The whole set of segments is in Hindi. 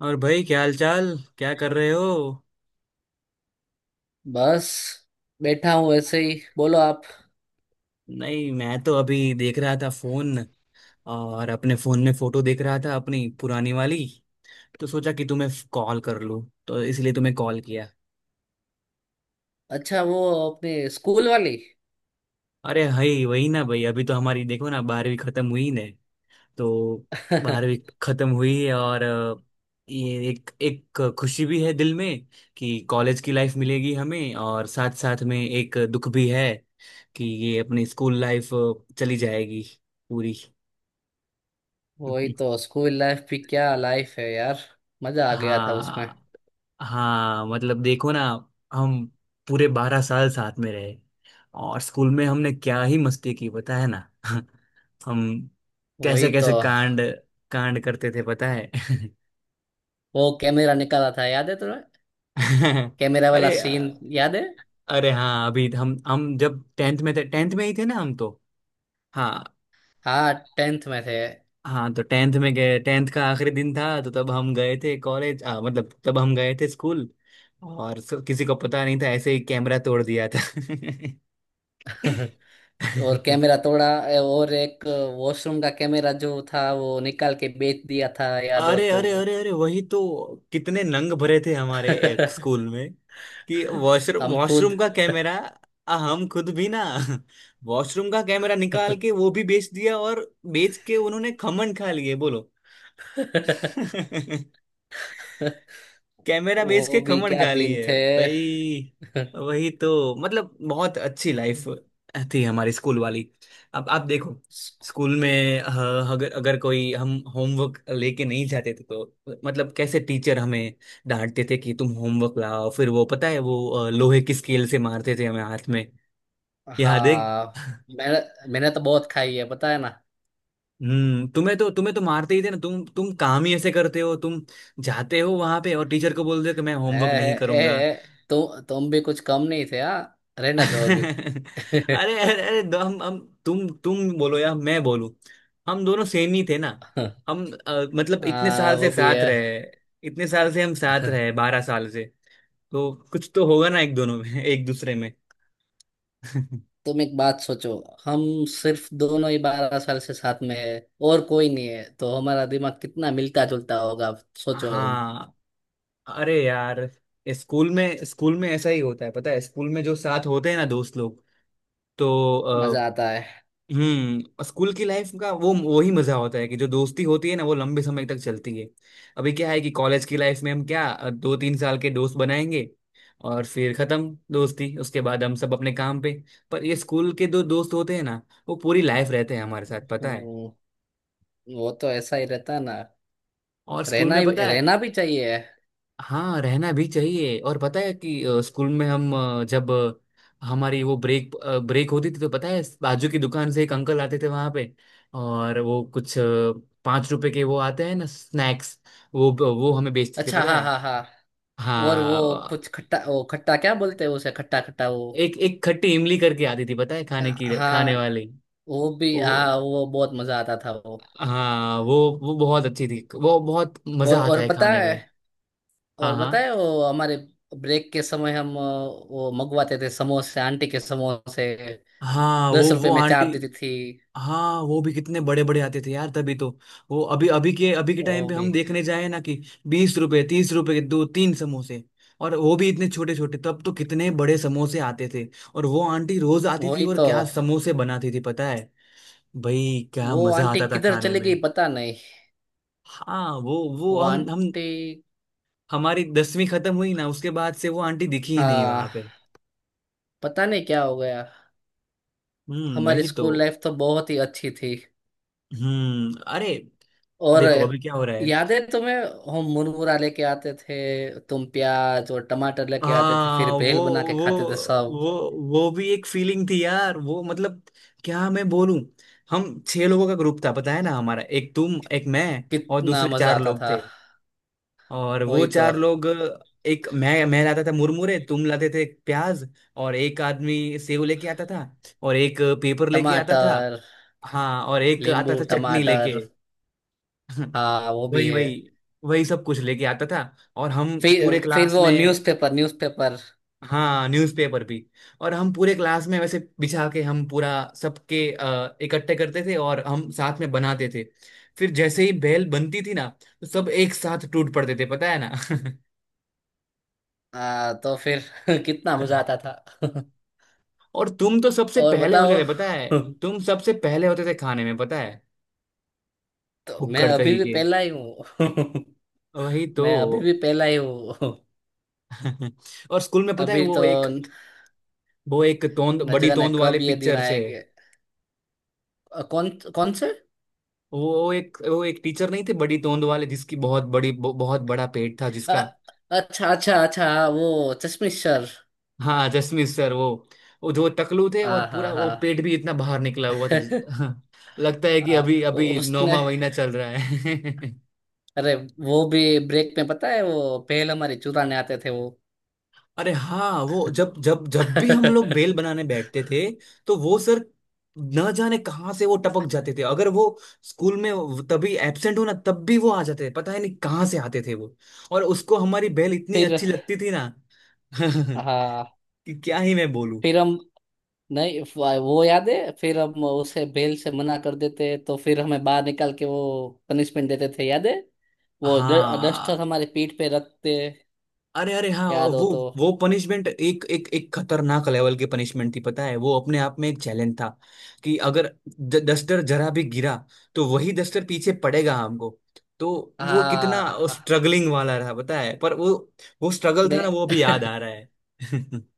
और भाई, क्या हाल चाल? क्या कर रहे हो? बस बैठा हूँ ऐसे ही। बोलो आप। नहीं, मैं तो अभी देख रहा था फोन, और अपने फोन में फोटो देख रहा था अपनी पुरानी वाली। तो सोचा कि तुम्हें कॉल कर लूं, तो इसलिए तुम्हें कॉल किया। अच्छा वो अपने स्कूल वाली। अरे हई वही ना भाई, अभी तो हमारी देखो ना, 12वीं खत्म हुई ने। तो 12वीं खत्म हुई है और ये एक एक खुशी भी है दिल में कि कॉलेज की लाइफ मिलेगी हमें, और साथ साथ में एक दुख भी है कि ये अपनी स्कूल लाइफ चली जाएगी पूरी। वही तो। स्कूल लाइफ भी क्या लाइफ है यार। मजा आ गया था उसमें। हाँ। हाँ मतलब देखो ना। हम पूरे 12 साल साथ में रहे, और स्कूल में हमने क्या ही मस्ती की, पता है ना। हम वही कैसे तो। कैसे कांड कांड करते थे, पता है। वो कैमरा निकाला था याद है तुम्हें। कैमरा वाला अरे सीन याद है। अरे हाँ, अभी हम जब टेंथ में थे, टेंथ में ही थे ना हम तो। हाँ। हाँ टेंथ में थे। हाँ, तो टेंथ में गए, टेंथ का आखिरी दिन था, तो तब हम गए थे कॉलेज, मतलब तब हम गए थे स्कूल। और किसी को पता नहीं था, ऐसे ही कैमरा तोड़ दिया था। और कैमरा तोड़ा। और एक वॉशरूम का कैमरा जो था वो निकाल के बेच दिया था याद हो अरे तो। अरे अरे अरे, वही तो। कितने नंग भरे थे हमारे एक स्कूल में कि वॉशरूम हम वॉशरूम खुद। का कैमरा। हम खुद भी ना वॉशरूम का कैमरा निकाल के वो भी बेच दिया, और बेच के उन्होंने खमन खा लिए, बोलो। कैमरा बेच के वो भी खमण क्या खा ली दिन है थे। भाई। वही तो, मतलब बहुत अच्छी लाइफ थी हमारी स्कूल वाली। अब आप देखो, स्कूल में अगर अगर कोई हम होमवर्क लेके नहीं जाते थे तो, मतलब कैसे टीचर हमें डांटते थे कि तुम होमवर्क लाओ। फिर वो पता है वो लोहे की स्केल से मारते थे हमें हाथ में। याद है। हाँ। मैंने मैंने तो बहुत खाई है पता है ना। हम्म, तुम्हें तो मारते ही थे ना। तुम काम ही ऐसे करते हो तुम, जाते हो वहां पे और टीचर को बोलते हो कि मैं ए, होमवर्क नहीं ए, करूंगा। ए, तु, तुम भी कुछ कम नहीं थे हाँ। रहने दो अभी। अरे अरे अरे हम। तुम बोलो या मैं बोलूं, हम दोनों सेम ही थे ना। हम मतलब इतने हाँ साल वो से भी साथ है। रहे। इतने साल से हम साथ रहे, 12 साल से। तो कुछ तो होगा ना एक दोनों में, एक दूसरे में। तुम एक बात सोचो। हम सिर्फ दोनों ही 12 साल से साथ में है। और कोई नहीं है तो हमारा दिमाग कितना मिलता जुलता होगा। सोचो तुम। हाँ। अरे यार, ये स्कूल में ऐसा ही होता है, पता है। स्कूल में जो साथ होते हैं ना दोस्त लोग, तो मजा आता है। हम्म, स्कूल की लाइफ का वो वही मजा होता है कि जो दोस्ती होती है ना वो लंबे समय तक चलती है। अभी क्या है कि कॉलेज की लाइफ में हम क्या 2-3 साल के दोस्त बनाएंगे, और फिर खत्म दोस्ती, उसके बाद हम सब अपने काम पे। पर ये स्कूल के दो दोस्त होते हैं ना, वो पूरी लाइफ रहते हैं हमारे साथ, पता है। हम्म, वो तो ऐसा ही रहता है ना। और स्कूल रहना में ही पता रहना है, भी चाहिए। हाँ, रहना भी चाहिए। और पता है कि स्कूल में हम जब हमारी वो ब्रेक ब्रेक होती थी तो, पता है, बाजू की दुकान से एक अंकल आते थे वहां पे, और वो कुछ 5 रुपए के वो आते हैं ना स्नैक्स, वो हमें बेचते थे, अच्छा पता हाँ है। हाँ हाँ। और वो हाँ, कुछ खट्टा वो खट्टा क्या बोलते हैं उसे खट्टा खट्टा वो। एक एक खट्टी इमली करके आती थी, पता है, खाने की, हाँ। खाने वाली। वो भी वो, हाँ वो बहुत मजा आता था वो। हाँ वो बहुत अच्छी थी, वो बहुत और मजा आता और है पता खाने है। में। हाँ और हाँ पता है वो हमारे ब्रेक के समय हम वो मंगवाते थे समोसे आंटी के समोसे। हाँ, वो 10 रुपए वो में आंटी। चार देती थी। हाँ, वो भी कितने बड़े बड़े आते थे यार, तभी तो वो अभी अभी के टाइम वो पे भी। हम देखने जाए ना कि 20 रुपए 30 रुपए के 2-3 समोसे, और वो भी इतने छोटे छोटे। तब तो कितने बड़े समोसे आते थे, और वो आंटी रोज आती थी, वही और तो। क्या समोसे बनाती थी पता है। भाई, क्या वो मजा आंटी आता था किधर खाने चली में। गई पता नहीं। हाँ, वो वो हम आंटी। हमारी 10वीं खत्म हुई ना, उसके बाद से वो आंटी दिखी ही नहीं वहां हाँ पे। पता नहीं क्या हो गया। हम्म, हमारी वही तो। स्कूल लाइफ तो बहुत ही अच्छी थी। हम्म, अरे, और। देखो अभी क्या हो रहा है। याद है तुम्हें। हम मुरमुरा लेके आते थे तुम प्याज और टमाटर लेके आते थे हाँ फिर वो, भेल बना के वो खाते थे सब। वो वो भी एक फीलिंग थी यार, वो मतलब, क्या मैं बोलूं। हम 6 लोगों का ग्रुप था, पता है ना हमारा, एक तुम, एक मैं, और कितना दूसरे मजा चार आता लोग था। थे। और वो वही तो। 4 लोग, एक मैं लाता था मुरमुरे, तुम लाते थे प्याज, और एक आदमी सेव लेके आता था, और एक पेपर लेके आता था। टमाटर। हाँ, और एक नींबू आता था चटनी टमाटर। लेके। हाँ वो भी वही है। वही, वही सब कुछ लेके आता था। और हम फिर पूरे फिर क्लास वो में, न्यूज़पेपर न्यूज़पेपर। हाँ न्यूज़पेपर भी, और हम पूरे क्लास में वैसे बिछा के, हम पूरा सबके इकट्ठे करते थे, और हम साथ में बनाते थे। फिर जैसे ही बेल बनती थी ना, तो सब एक साथ टूट पड़ते थे, पता है ना। तो फिर। कितना मजा आता था। और तुम तो सबसे और पहले होते बताओ। थे, पता है। तुम सबसे पहले होते थे खाने में, पता है। तो मैं फुक्कड़ अभी कहीं भी के, पहला ही हूँ। वही तो। मैं अभी भी पहला ही हूँ। और स्कूल में पता है, अभी तो। न वो एक तोंद, न बड़ी जाने तोंद कब वाले ये दिन पिक्चर से, आएंगे। कौन कौन से। वो एक टीचर नहीं थे बड़ी तोंद वाले, जिसकी बहुत बड़ी बहुत बड़ा पेट था अ, जिसका। अच्छा अच्छा अच्छा हाँ, वो चश्मिश सर। हाँ, जसमीत सर, वो जो टकलू थे, हाँ और हाँ पूरा हाँ। वो पेट भी इतना बाहर निकला हुआ था हाँ, लगता है कि आ, अभी वो अभी उसने। 9वां महीना चल रहा है। अरे। वो भी। ब्रेक में पता है वो पहले हमारे चुराने आते थे वो। अरे हाँ, वो जब जब जब भी हम लोग बेल बनाने बैठते थे, तो वो सर न जाने कहाँ से वो टपक जाते थे। अगर वो स्कूल में तभी एब्सेंट हो ना, तब भी वो आ जाते थे, पता है नहीं कहाँ से आते थे वो। और उसको हमारी बेल इतनी फिर। अच्छी लगती थी ना कि हाँ। क्या ही मैं बोलूं। फिर हम। नहीं। वो याद है फिर हम उसे बेल से मना कर देते तो फिर हमें बाहर निकाल के वो पनिशमेंट देते थे याद है। वो डस्टर हाँ, हमारे पीठ पे रखते। अरे अरे हाँ। याद हो वो तो। वो पनिशमेंट एक एक एक खतरनाक लेवल की पनिशमेंट थी, पता है। वो अपने आप में एक चैलेंज था कि अगर डस्टर जरा भी गिरा तो वही डस्टर पीछे पड़ेगा हमको। तो वो कितना हाँ हाँ, स्ट्रगलिंग वाला रहा, पता है। पर वो स्ट्रगल मैं। था ना, वो भी याद आ रहा है।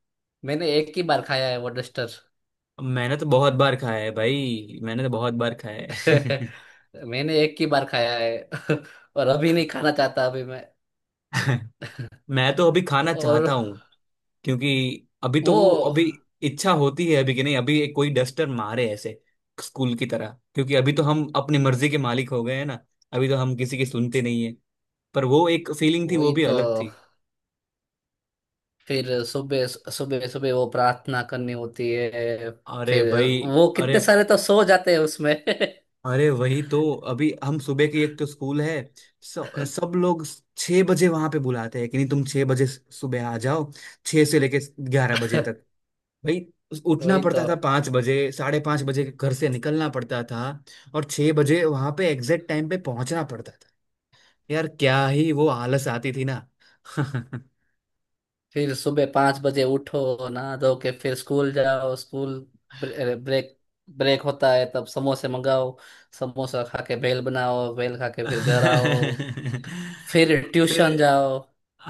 मैंने एक ही बार खाया है वो डस्टर। मैंने तो बहुत बार खाया है भाई, मैंने तो बहुत बार खाया है। मैंने एक ही बार खाया है। और अभी नहीं खाना चाहता अभी मैं। मैं तो अभी खाना और। चाहता, क्योंकि अभी तो वो वो। अभी इच्छा होती है अभी, कि नहीं, अभी एक कोई डस्टर मारे ऐसे स्कूल की तरह, क्योंकि अभी तो हम अपनी मर्जी के मालिक हो गए हैं ना, अभी तो हम किसी की सुनते नहीं है। पर वो एक फीलिंग थी, वो वही भी तो। अलग थी। फिर सुबह सुबह सुबह वो प्रार्थना करनी होती है। अरे फिर। भाई, वो अरे कितने सारे तो सो जाते हैं उसमें। अरे, वही तो। अभी हम सुबह की एक तो स्कूल है, सब लोग 6 बजे वहां पे बुलाते हैं, कि नहीं तुम 6 बजे सुबह आ जाओ, 6 से लेके 11 बजे तक। भाई, उठना वही तो। पड़ता था 5 बजे, 5:30 बजे के घर से निकलना पड़ता था, और 6 बजे वहां पे एग्जैक्ट टाइम पे पहुंचना पड़ता था। यार क्या ही वो आलस आती थी ना। फिर सुबह 5 बजे उठो नहा धो के फिर स्कूल जाओ स्कूल। ब्रेक ब्रेक होता है तब समोसे मंगाओ। समोसा खा के भेल बनाओ भेल खा के फिर घर आओ। फिर ट्यूशन फिर जाओ।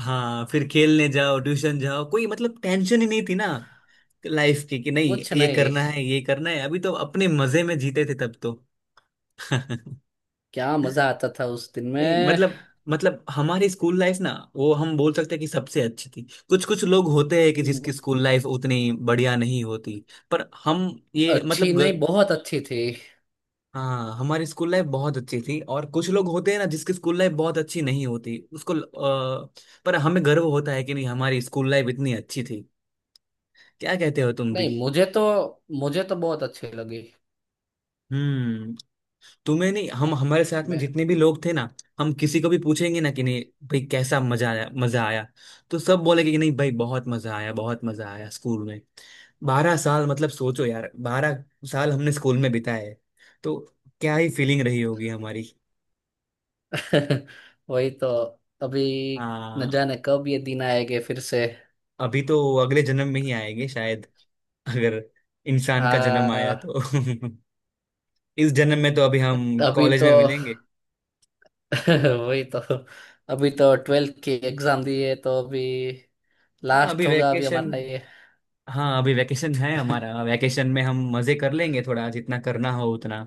हाँ, फिर खेलने जाओ, ट्यूशन जाओ, कोई मतलब टेंशन ही नहीं थी ना लाइफ की, कि नहीं कुछ ये नहीं। करना है ये करना है। अभी तो अपने मजे में जीते थे तब तो। क्या मजा आता था उस दिन नहीं में। मतलब, मतलब हमारी स्कूल लाइफ ना, वो हम बोल सकते हैं कि सबसे अच्छी थी। कुछ कुछ लोग होते हैं कि जिसकी स्कूल लाइफ उतनी बढ़िया नहीं होती, पर हम, ये अच्छी मतलब नहीं बहुत अच्छी थी। हाँ, हमारी स्कूल लाइफ बहुत अच्छी थी, और कुछ लोग होते हैं ना जिसकी स्कूल लाइफ बहुत अच्छी नहीं होती उसको पर हमें गर्व होता है कि नहीं हमारी स्कूल लाइफ इतनी अच्छी थी। क्या कहते हो तुम भी? नहीं मुझे तो बहुत अच्छी लगी। हम्म, तुम्हें नहीं, हम हमारे साथ में मैं। जितने भी लोग थे ना, हम किसी को भी पूछेंगे ना कि नहीं भाई कैसा मजा आया मजा आया, तो सब बोलेंगे कि नहीं भाई बहुत मजा आया, बहुत मजा आया स्कूल में। 12 साल, मतलब सोचो यार, 12 साल हमने स्कूल में बिताए हैं। तो क्या ही फीलिंग रही होगी हमारी। वही तो। अभी। न आ, जाने कब ये दिन आएंगे फिर से। अभी तो अगले जन्म में ही आएंगे शायद, अगर इंसान का जन्म आया हाँ। तो। इस जन्म में तो अभी हम अभी कॉलेज तो। में मिलेंगे। वही तो। अभी तो 12वीं की एग्जाम दी है तो अभी। हाँ, लास्ट अभी होगा अभी वेकेशन। हमारा ये। हाँ, अभी वैकेशन है हमारा, वैकेशन में हम मजे कर लेंगे थोड़ा, जितना करना हो उतना।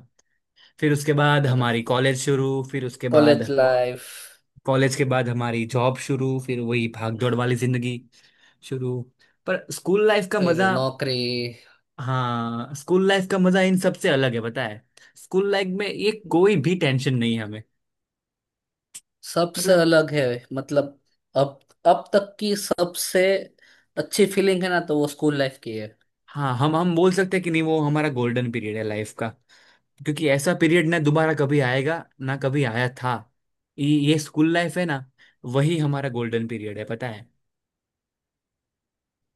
फिर उसके बाद पर। हमारी कॉलेज शुरू, फिर उसके बाद कॉलेज लाइफ। कॉलेज के बाद हमारी जॉब शुरू, फिर वही भाग दौड़ वाली जिंदगी शुरू। पर स्कूल लाइफ का फिर मजा, नौकरी। हाँ, स्कूल लाइफ का मजा इन सबसे अलग है, पता है। स्कूल लाइफ में ये कोई भी टेंशन नहीं है हमें, सबसे मतलब, अलग है। मतलब। अब अब तक की सबसे अच्छी फीलिंग है ना तो वो स्कूल लाइफ की है। हाँ, हम बोल सकते हैं कि नहीं वो हमारा गोल्डन पीरियड है लाइफ का, क्योंकि ऐसा पीरियड ना दोबारा कभी आएगा ना कभी आया था। ये स्कूल लाइफ है ना, वही हमारा गोल्डन पीरियड है पता है।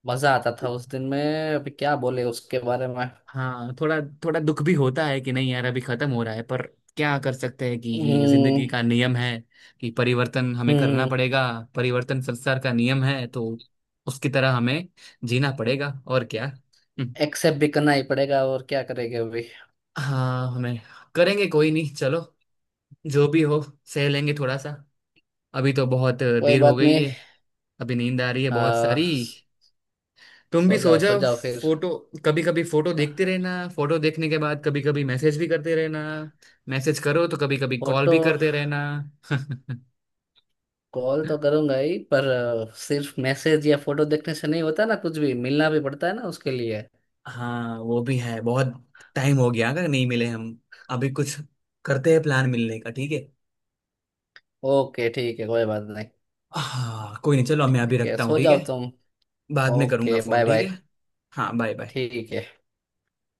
मजा आता तो था उस दिन में। अभी क्या बोले उसके बारे में। हाँ, थोड़ा थोड़ा दुख भी होता है कि नहीं यार अभी खत्म हो रहा है, पर क्या कर सकते हैं, कि ये जिंदगी हम्म। का नियम है कि परिवर्तन हमें करना हम्म। पड़ेगा। परिवर्तन संसार का नियम है, तो उसकी तरह हमें जीना पड़ेगा, और क्या। हम्म, एक्सेप्ट भी करना ही पड़ेगा और क्या करेंगे अभी। हाँ हमें करेंगे, कोई नहीं चलो, जो भी हो सह लेंगे थोड़ा सा। अभी तो बहुत कोई देर हो बात गई नहीं। है, अभी नींद आ रही है बहुत आ, सारी, तुम भी सो सो जाओ सो जाओ। जाओ फिर। फोटो, कभी कभी फोटो देखते रहना, फोटो देखने के बाद कभी कभी मैसेज भी करते रहना, मैसेज करो तो कभी कभी कॉल फोटो। भी करते रहना। कॉल तो करूंगा ही पर। सिर्फ मैसेज या फोटो देखने से नहीं होता ना कुछ भी मिलना भी पड़ता है ना उसके लिए। हाँ वो भी है, बहुत टाइम हो गया, अगर नहीं मिले हम, अभी कुछ करते हैं प्लान मिलने का, ठीक है। ओके ठीक है कोई बात नहीं। हाँ, कोई नहीं चलो, मैं अभी ठीक है रखता हूँ सो ठीक है, जाओ तुम। बाद में करूँगा ओके फोन, बाय ठीक बाय। है। हाँ, बाय बाय। ठीक है।